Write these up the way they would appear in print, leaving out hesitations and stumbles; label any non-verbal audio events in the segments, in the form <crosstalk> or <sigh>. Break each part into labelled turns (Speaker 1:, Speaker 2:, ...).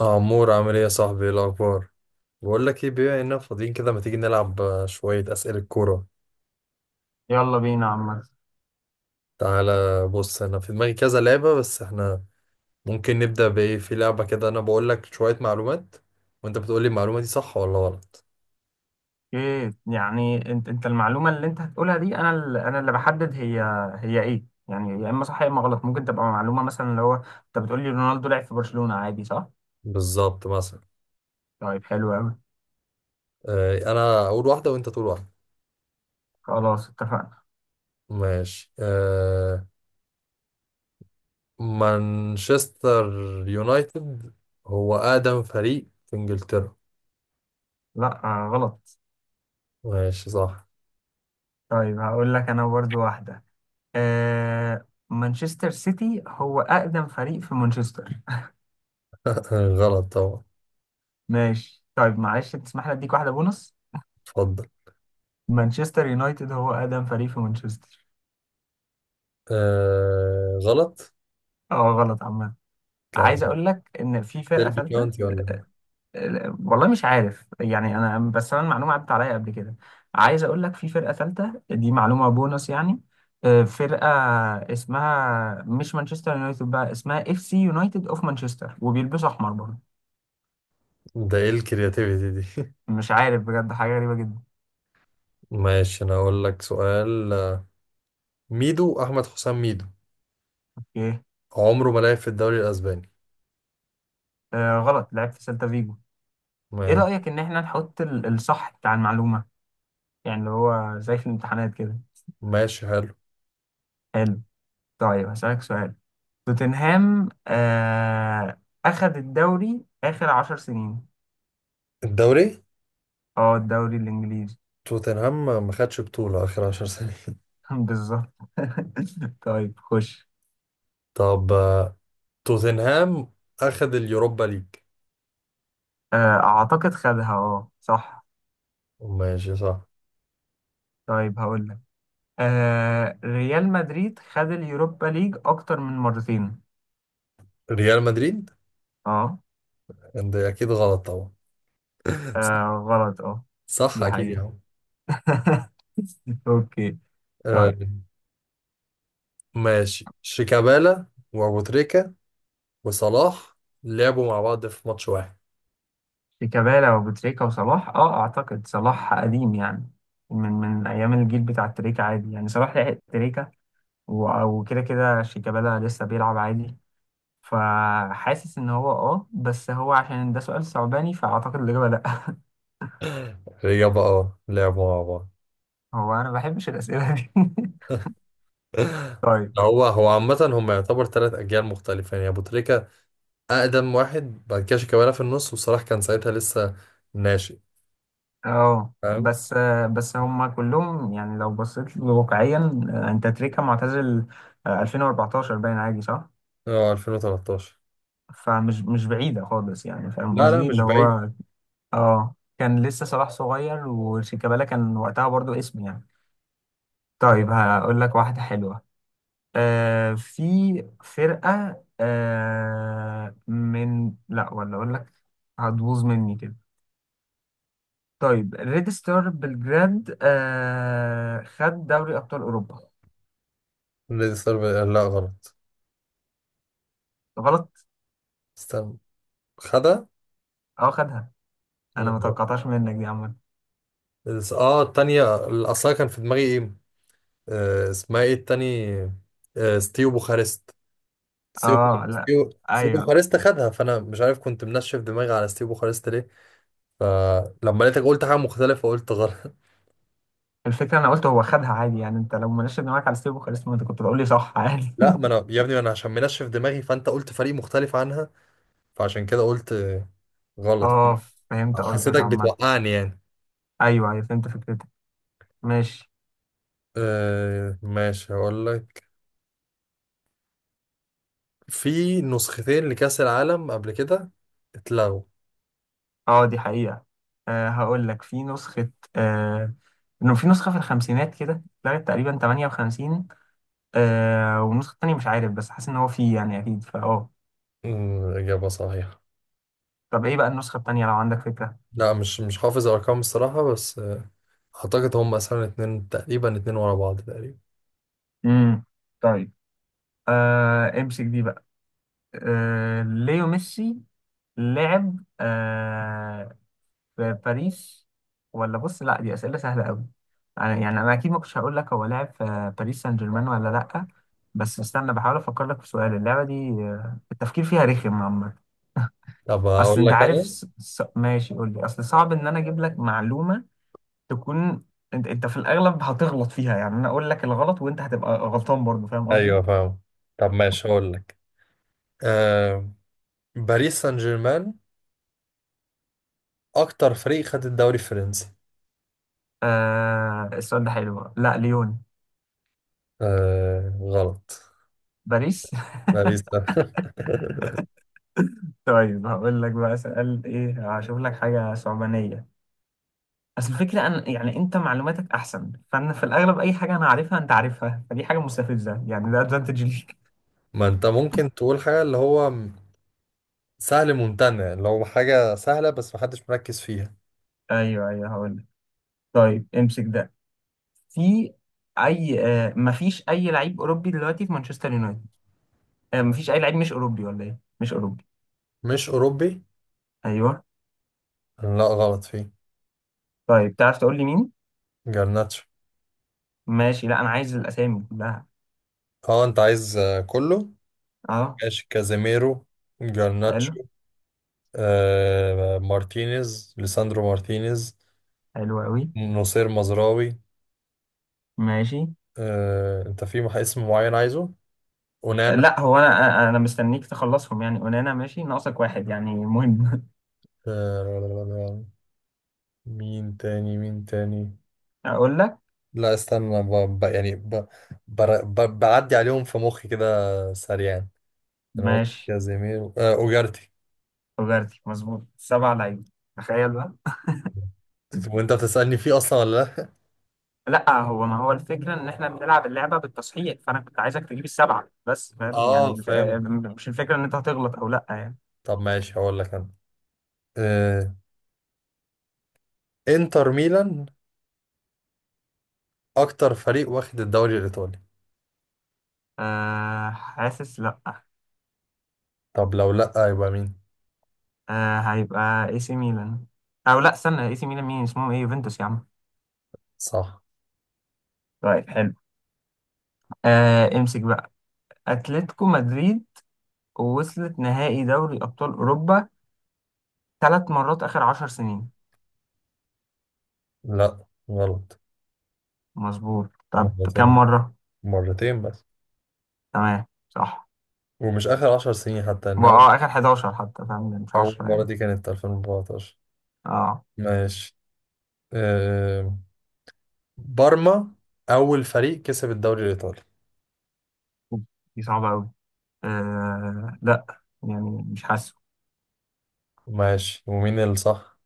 Speaker 1: عمور، عامل ايه يا صاحبي؟ ايه الاخبار؟ بقول لك ايه، بما اننا فاضيين كده، ما تيجي نلعب شويه اسئله كوره؟
Speaker 2: يلا بينا عم.
Speaker 1: تعالى بص، انا في دماغي كذا لعبه، بس احنا ممكن نبدا بايه في لعبه كده؟ انا بقول لك شويه معلومات وانت بتقول لي المعلومه دي صح ولا غلط.
Speaker 2: ايه يعني انت المعلومه اللي انت هتقولها دي، انا انا اللي بحدد هي ايه، يعني يا اما صح يا اما غلط. ممكن تبقى معلومه مثلا اللي هو انت بتقول لي رونالدو لعب في برشلونه عادي، صح؟
Speaker 1: بالظبط مثلا.
Speaker 2: طيب حلو قوي.
Speaker 1: انا اقول واحده وانت تقول واحده.
Speaker 2: خلاص اتفقنا.
Speaker 1: ماشي. مانشستر يونايتد هو اقدم فريق في انجلترا.
Speaker 2: لا، آه غلط.
Speaker 1: ماشي صح.
Speaker 2: طيب هقول لك انا برضو واحده. آه، مانشستر سيتي هو اقدم فريق في مانشستر.
Speaker 1: <laughs> غلط طبعا.
Speaker 2: ماشي. طيب معلش تسمح لي اديك واحده بونص.
Speaker 1: اتفضل.
Speaker 2: مانشستر يونايتد هو اقدم فريق في مانشستر.
Speaker 1: آه غلط.
Speaker 2: اه غلط عم. عايز
Speaker 1: كان.
Speaker 2: اقول لك ان في فرقه
Speaker 1: ديربي
Speaker 2: ثالثه.
Speaker 1: كاونتي ولا؟
Speaker 2: والله مش عارف يعني، انا بس انا المعلومه عدت عليا قبل كده. عايز اقول لك في فرقه ثالثه، دي معلومه بونص يعني. فرقه اسمها مش مانشستر يونايتد، بقى اسمها اف سي يونايتد اوف مانشستر، وبيلبسوا احمر برضه.
Speaker 1: ده ايه الكرياتيفيتي دي؟
Speaker 2: مش عارف بجد، حاجه غريبه جدا.
Speaker 1: <laughs> ماشي، انا هقول لك سؤال. ميدو، احمد حسام ميدو،
Speaker 2: ايه؟
Speaker 1: عمره ما لعب في الدوري الاسباني.
Speaker 2: آه غلط، لعب في سيلتا فيجو. ايه
Speaker 1: ماشي.
Speaker 2: رايك ان احنا نحط الصح بتاع المعلومه، يعني اللي هو زي في الامتحانات كده.
Speaker 1: ماشي حلو.
Speaker 2: حلو. طيب هسألك سؤال. توتنهام آه أخد الدوري آخر 10 سنين.
Speaker 1: الدوري.
Speaker 2: اه الدوري الإنجليزي.
Speaker 1: توتنهام ما خدش بطولة اخر عشر سنين. <laughs>
Speaker 2: <laughs> بالظبط. <laughs> طيب خش.
Speaker 1: طب، توتنهام اخد اليوروبا ليج.
Speaker 2: آه أعتقد خدها، اه صح.
Speaker 1: ماشي صح.
Speaker 2: طيب هقول لك، آه ريال مدريد خد اليوروبا ليج أكتر من مرتين.
Speaker 1: ريال مدريد.
Speaker 2: اه.
Speaker 1: ده اكيد غلط طبعا.
Speaker 2: غلط اه.
Speaker 1: <laughs> صح
Speaker 2: دي
Speaker 1: اكيد يا
Speaker 2: حقيقة.
Speaker 1: عم.
Speaker 2: <laughs> أوكي.
Speaker 1: آه.
Speaker 2: طيب.
Speaker 1: ماشي، شيكابالا وابو تريكا وصلاح لعبوا مع بعض في ماتش واحد.
Speaker 2: شيكابالا وبوتريكا وصلاح، اه أعتقد صلاح قديم يعني، من أيام الجيل بتاع تريكة، عادي يعني صلاح لحق تريكة. وكده كده شيكابالا لسه بيلعب عادي. فحاسس ان هو اه، بس هو عشان ده سؤال صعباني فاعتقد الاجابه لا.
Speaker 1: اجابة اه، لعبوا مع بعض.
Speaker 2: <laughs> هو انا ما بحبش الاسئله دي. <laughs>
Speaker 1: <laughs>
Speaker 2: طيب.
Speaker 1: هو هو عامة هم يعتبر ثلاث أجيال مختلفة، يعني أبو تريكة أقدم واحد، بعد كده شيكابالا في النص، وصلاح كان ساعتها لسه ناشئ.
Speaker 2: اه
Speaker 1: فاهم؟
Speaker 2: بس هم كلهم يعني لو بصيت له واقعيا. انت تريكا معتزل، 2014 باين، عادي صح.
Speaker 1: اه، 2013.
Speaker 2: فمش مش بعيده خالص يعني، فاهم
Speaker 1: لا لا
Speaker 2: قصدي
Speaker 1: مش
Speaker 2: اللي
Speaker 1: بعيد.
Speaker 2: هو، اه كان لسه صلاح صغير وشيكابالا كان وقتها برضو اسم يعني. طيب هقول لك واحده حلوه. آه في فرقة آه من لا، ولا أقول لك هتبوظ مني كده. طيب ريد ستار بلجراد آه خد دوري أبطال أوروبا.
Speaker 1: النادي الصربي. لا غلط.
Speaker 2: غلط،
Speaker 1: استنى. خدها.
Speaker 2: اه خدها. أنا ما توقعتهاش منك دي عامة.
Speaker 1: اه، التانية الأصلها كان في دماغي ايه؟ آه، اسمها ايه التاني؟ ستيو بوخارست. ستيف.
Speaker 2: اه لا.
Speaker 1: ستيف. ستيف
Speaker 2: أيوه.
Speaker 1: بوخارست خدها، فانا مش عارف كنت منشف دماغي على ستيف بوخارست ليه. فلما لقيتك قلت حاجه مختلفه، قلت غلط. <laughs>
Speaker 2: الفكرة أنا قلت هو خدها عادي يعني، أنت لو مناش دماغك على ستيفو خالص، ما أنت كنت بقول لي صح عادي.
Speaker 1: لا،
Speaker 2: <laughs>
Speaker 1: ما انا يا ابني، ما انا عشان منشف دماغي فانت قلت فريق مختلف عنها، فعشان كده قلت غلط.
Speaker 2: اه فهمت قصدك
Speaker 1: حسيتك
Speaker 2: عامة.
Speaker 1: بتوقعني يعني.
Speaker 2: أيوه أيوه فهمت فكرتك. ماشي.
Speaker 1: ماشي، هقول لك. في نسختين لكأس العالم قبل كده اتلغوا.
Speaker 2: اه دي حقيقة. أه هقول لك في نسخة، آه، انه في نسخة في الخمسينات كده اتلغت تقريبا 58. أه والنسخة التانية مش عارف، بس حاسس ان هو في يعني اكيد
Speaker 1: إجابة صحيحة.
Speaker 2: طب ايه بقى النسخة التانية لو عندك فكرة؟
Speaker 1: لا، مش حافظ الأرقام الصراحة، بس أعتقد هم مثلا اتنين تقريبا، اتنين ورا بعض تقريبا.
Speaker 2: امم. طيب. أه امسك دي بقى. أه ليو ميسي لعب آه في باريس، ولا بص لا دي أسئلة سهلة أوي. أنا يعني، أنا أكيد ما كنتش هقول لك هو لعب في باريس سان جيرمان ولا لأ. بس استنى بحاول أفكر لك في سؤال اللعبة دي، التفكير فيها رخم عامة.
Speaker 1: طب
Speaker 2: أصل
Speaker 1: أقول
Speaker 2: أنت
Speaker 1: لك
Speaker 2: عارف
Speaker 1: أنا.
Speaker 2: ماشي قول لي. أصل صعب إن أنا أجيب لك معلومة تكون، أنت في الأغلب هتغلط فيها، يعني أنا أقول لك الغلط وأنت هتبقى غلطان برضه، فاهم قصدي؟
Speaker 1: ايوه فاهم. طب ماشي، هقول لك. آه باريس سان جيرمان اكتر فريق خد الدوري الفرنسي.
Speaker 2: آه السؤال ده حلو. لا ليون.
Speaker 1: آه غلط.
Speaker 2: باريس.
Speaker 1: باريس ده.
Speaker 2: <laughs> طيب هقول لك بقى سؤال إيه، هشوف لك حاجة صعبانية. اصل الفكره انا يعني انت معلوماتك احسن، فانا في الاغلب اي حاجه انا عارفها انت عارفها، فدي حاجه مستفزه يعني، ده ادفانتج ليك.
Speaker 1: <laughs> ما انت ممكن تقول حاجه، اللي هو سهل ممتنع، اللي هو حاجه سهله بس محدش مركز فيها.
Speaker 2: <laughs> ايوه ايوه هقول لك. طيب امسك ده. في اي آه مفيش اي لعيب اوروبي دلوقتي في مانشستر يونايتد. آه مفيش اي لعيب مش اوروبي، ولا ايه؟ مش اوروبي.
Speaker 1: مش اوروبي.
Speaker 2: ايوه.
Speaker 1: لا غلط، فيه.
Speaker 2: طيب تعرف تقول لي مين؟
Speaker 1: جرناتشو.
Speaker 2: ماشي. لا انا عايز الاسامي كلها.
Speaker 1: اه انت عايز كله.
Speaker 2: اه.
Speaker 1: ماشي، كازيميرو.
Speaker 2: حلو.
Speaker 1: جرناتشو. مارتينيز، ليساندرو مارتينيز.
Speaker 2: حلو قوي.
Speaker 1: نصير مزراوي.
Speaker 2: ماشي.
Speaker 1: انت في اسم معين عايزه؟ ونانا.
Speaker 2: لا هو انا مستنيك تخلصهم يعني، اونانا ماشي، ناقصك واحد يعني مهم.
Speaker 1: آه، مين تاني، مين تاني؟
Speaker 2: <laughs> اقول لك.
Speaker 1: لا استنى، يعني بعدي عليهم في مخي كده سريعا. انا قلت
Speaker 2: ماشي.
Speaker 1: كازيميرو، اوجارتي.
Speaker 2: تجارتي مظبوط، 7 لعيبه. تخيل بقى.
Speaker 1: وانت بتسألني فيه اصلا ولا لا؟
Speaker 2: لا هو، ما هو الفكره ان احنا بنلعب اللعبه بالتصحيح، فانا كنت عايزك تجيب السبعه بس
Speaker 1: <laughs>
Speaker 2: فاهم،
Speaker 1: اه
Speaker 2: يعني الف... آه،
Speaker 1: فاهم.
Speaker 2: مش الفكره ان انت هتغلط او لا يعني.
Speaker 1: طب ماشي، هقول لك انا. آه، انتر ميلان اكتر فريق واخد الدوري الايطالي.
Speaker 2: أه حاسس لا.
Speaker 1: طب لو لا يبقى مين؟
Speaker 2: أه هيبقى اي سي ميلان. او لا استنى، اي سي ميلان مين؟ اسمهم ايه؟ يوفنتوس يا عم.
Speaker 1: صح.
Speaker 2: طيب حلو. أه امسك بقى. اتلتيكو مدريد وصلت نهائي دوري ابطال اوروبا 3 مرات اخر 10 سنين.
Speaker 1: لا غلط.
Speaker 2: مظبوط. طب كم
Speaker 1: مرتين.
Speaker 2: مره؟
Speaker 1: مرتين بس.
Speaker 2: تمام صح.
Speaker 1: ومش آخر عشر سنين، حتى إن أول...
Speaker 2: اه اخر 11 حتى، فاهم يعني مش
Speaker 1: أول
Speaker 2: 10
Speaker 1: مرة
Speaker 2: يعني.
Speaker 1: دي كانت 2014.
Speaker 2: اه
Speaker 1: ماشي. أه بارما أول فريق كسب الدوري الإيطالي.
Speaker 2: دي صعبه قوي. آه لا، يعني مش حاسه.
Speaker 1: ماشي، ومين الصح؟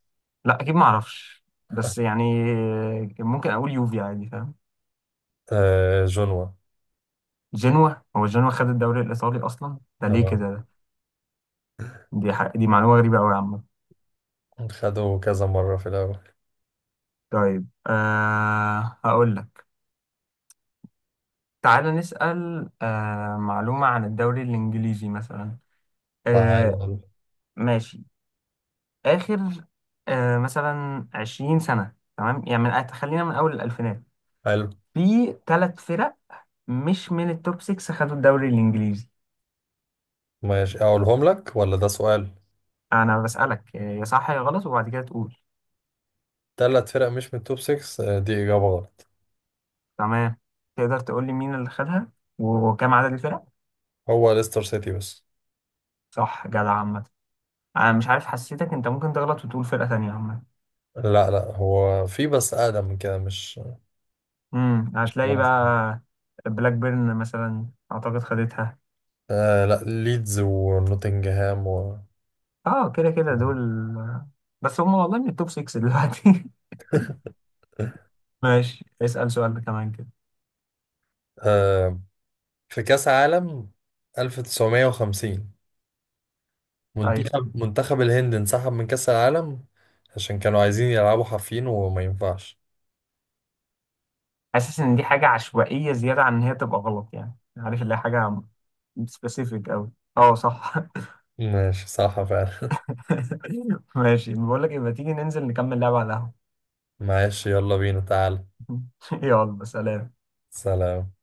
Speaker 2: لا اكيد ما اعرفش، بس يعني ممكن اقول يوفي عادي فاهم.
Speaker 1: أه، جنوا.
Speaker 2: جنوا. هو جنوا خد الدوري الايطالي اصلا ده؟ ليه كده
Speaker 1: تمام.
Speaker 2: ده؟ دي معلومه غريبه قوي يا عم.
Speaker 1: خدوا كذا مرة في الأول.
Speaker 2: طيب آه هقول لك. تعالى نسال آه معلومه عن الدوري الانجليزي مثلا.
Speaker 1: تعال.
Speaker 2: آه. ماشي. اخر آه مثلا 20 سنه، تمام؟ يعني خلينا من اول الالفينات.
Speaker 1: حلو.
Speaker 2: في 3 فرق مش من التوب 6 خدوا الدوري الانجليزي.
Speaker 1: ماشي، أقولهم لك ولا ده سؤال؟
Speaker 2: انا بسألك يا صح يا غلط، وبعد كده تقول.
Speaker 1: تلات فرق مش من التوب 6 دي إجابة غلط.
Speaker 2: تمام. تقدر تقول لي مين اللي خدها وكم عدد الفرق؟
Speaker 1: هو ليستر سيتي بس.
Speaker 2: صح جدع عامة. انا مش عارف، حسيتك انت ممكن تغلط وتقول فرقة تانية عامة.
Speaker 1: لا لا، هو في بس أقدم من كده، مش مش
Speaker 2: هتلاقي بقى.
Speaker 1: بس.
Speaker 2: بلاك بيرن مثلا اعتقد خدتها.
Speaker 1: لا، ليدز ونوتنجهام و...
Speaker 2: اه كده كده دول. آه، بس هم والله من التوب 6 دلوقتي. <laughs> ماشي، اسأل سؤال كمان كده.
Speaker 1: آه، في كأس عالم 1950
Speaker 2: ايوه.
Speaker 1: منتخب الهند انسحب من كأس العالم عشان كانوا عايزين يلعبوا حافين وما ينفعش.
Speaker 2: حاسس ان دي حاجه عشوائيه زياده عن ان هي تبقى غلط، يعني عارف اللي هي حاجه سبيسيفيك قوي. اه صح.
Speaker 1: ماشي صح فعلا.
Speaker 2: <laughs> ماشي، بقول لك يبقى تيجي ننزل نكمل لعبه على القهوه.
Speaker 1: <laughs> معلش يلا بينا تعال.
Speaker 2: <laughs> يلا سلام.
Speaker 1: سلام.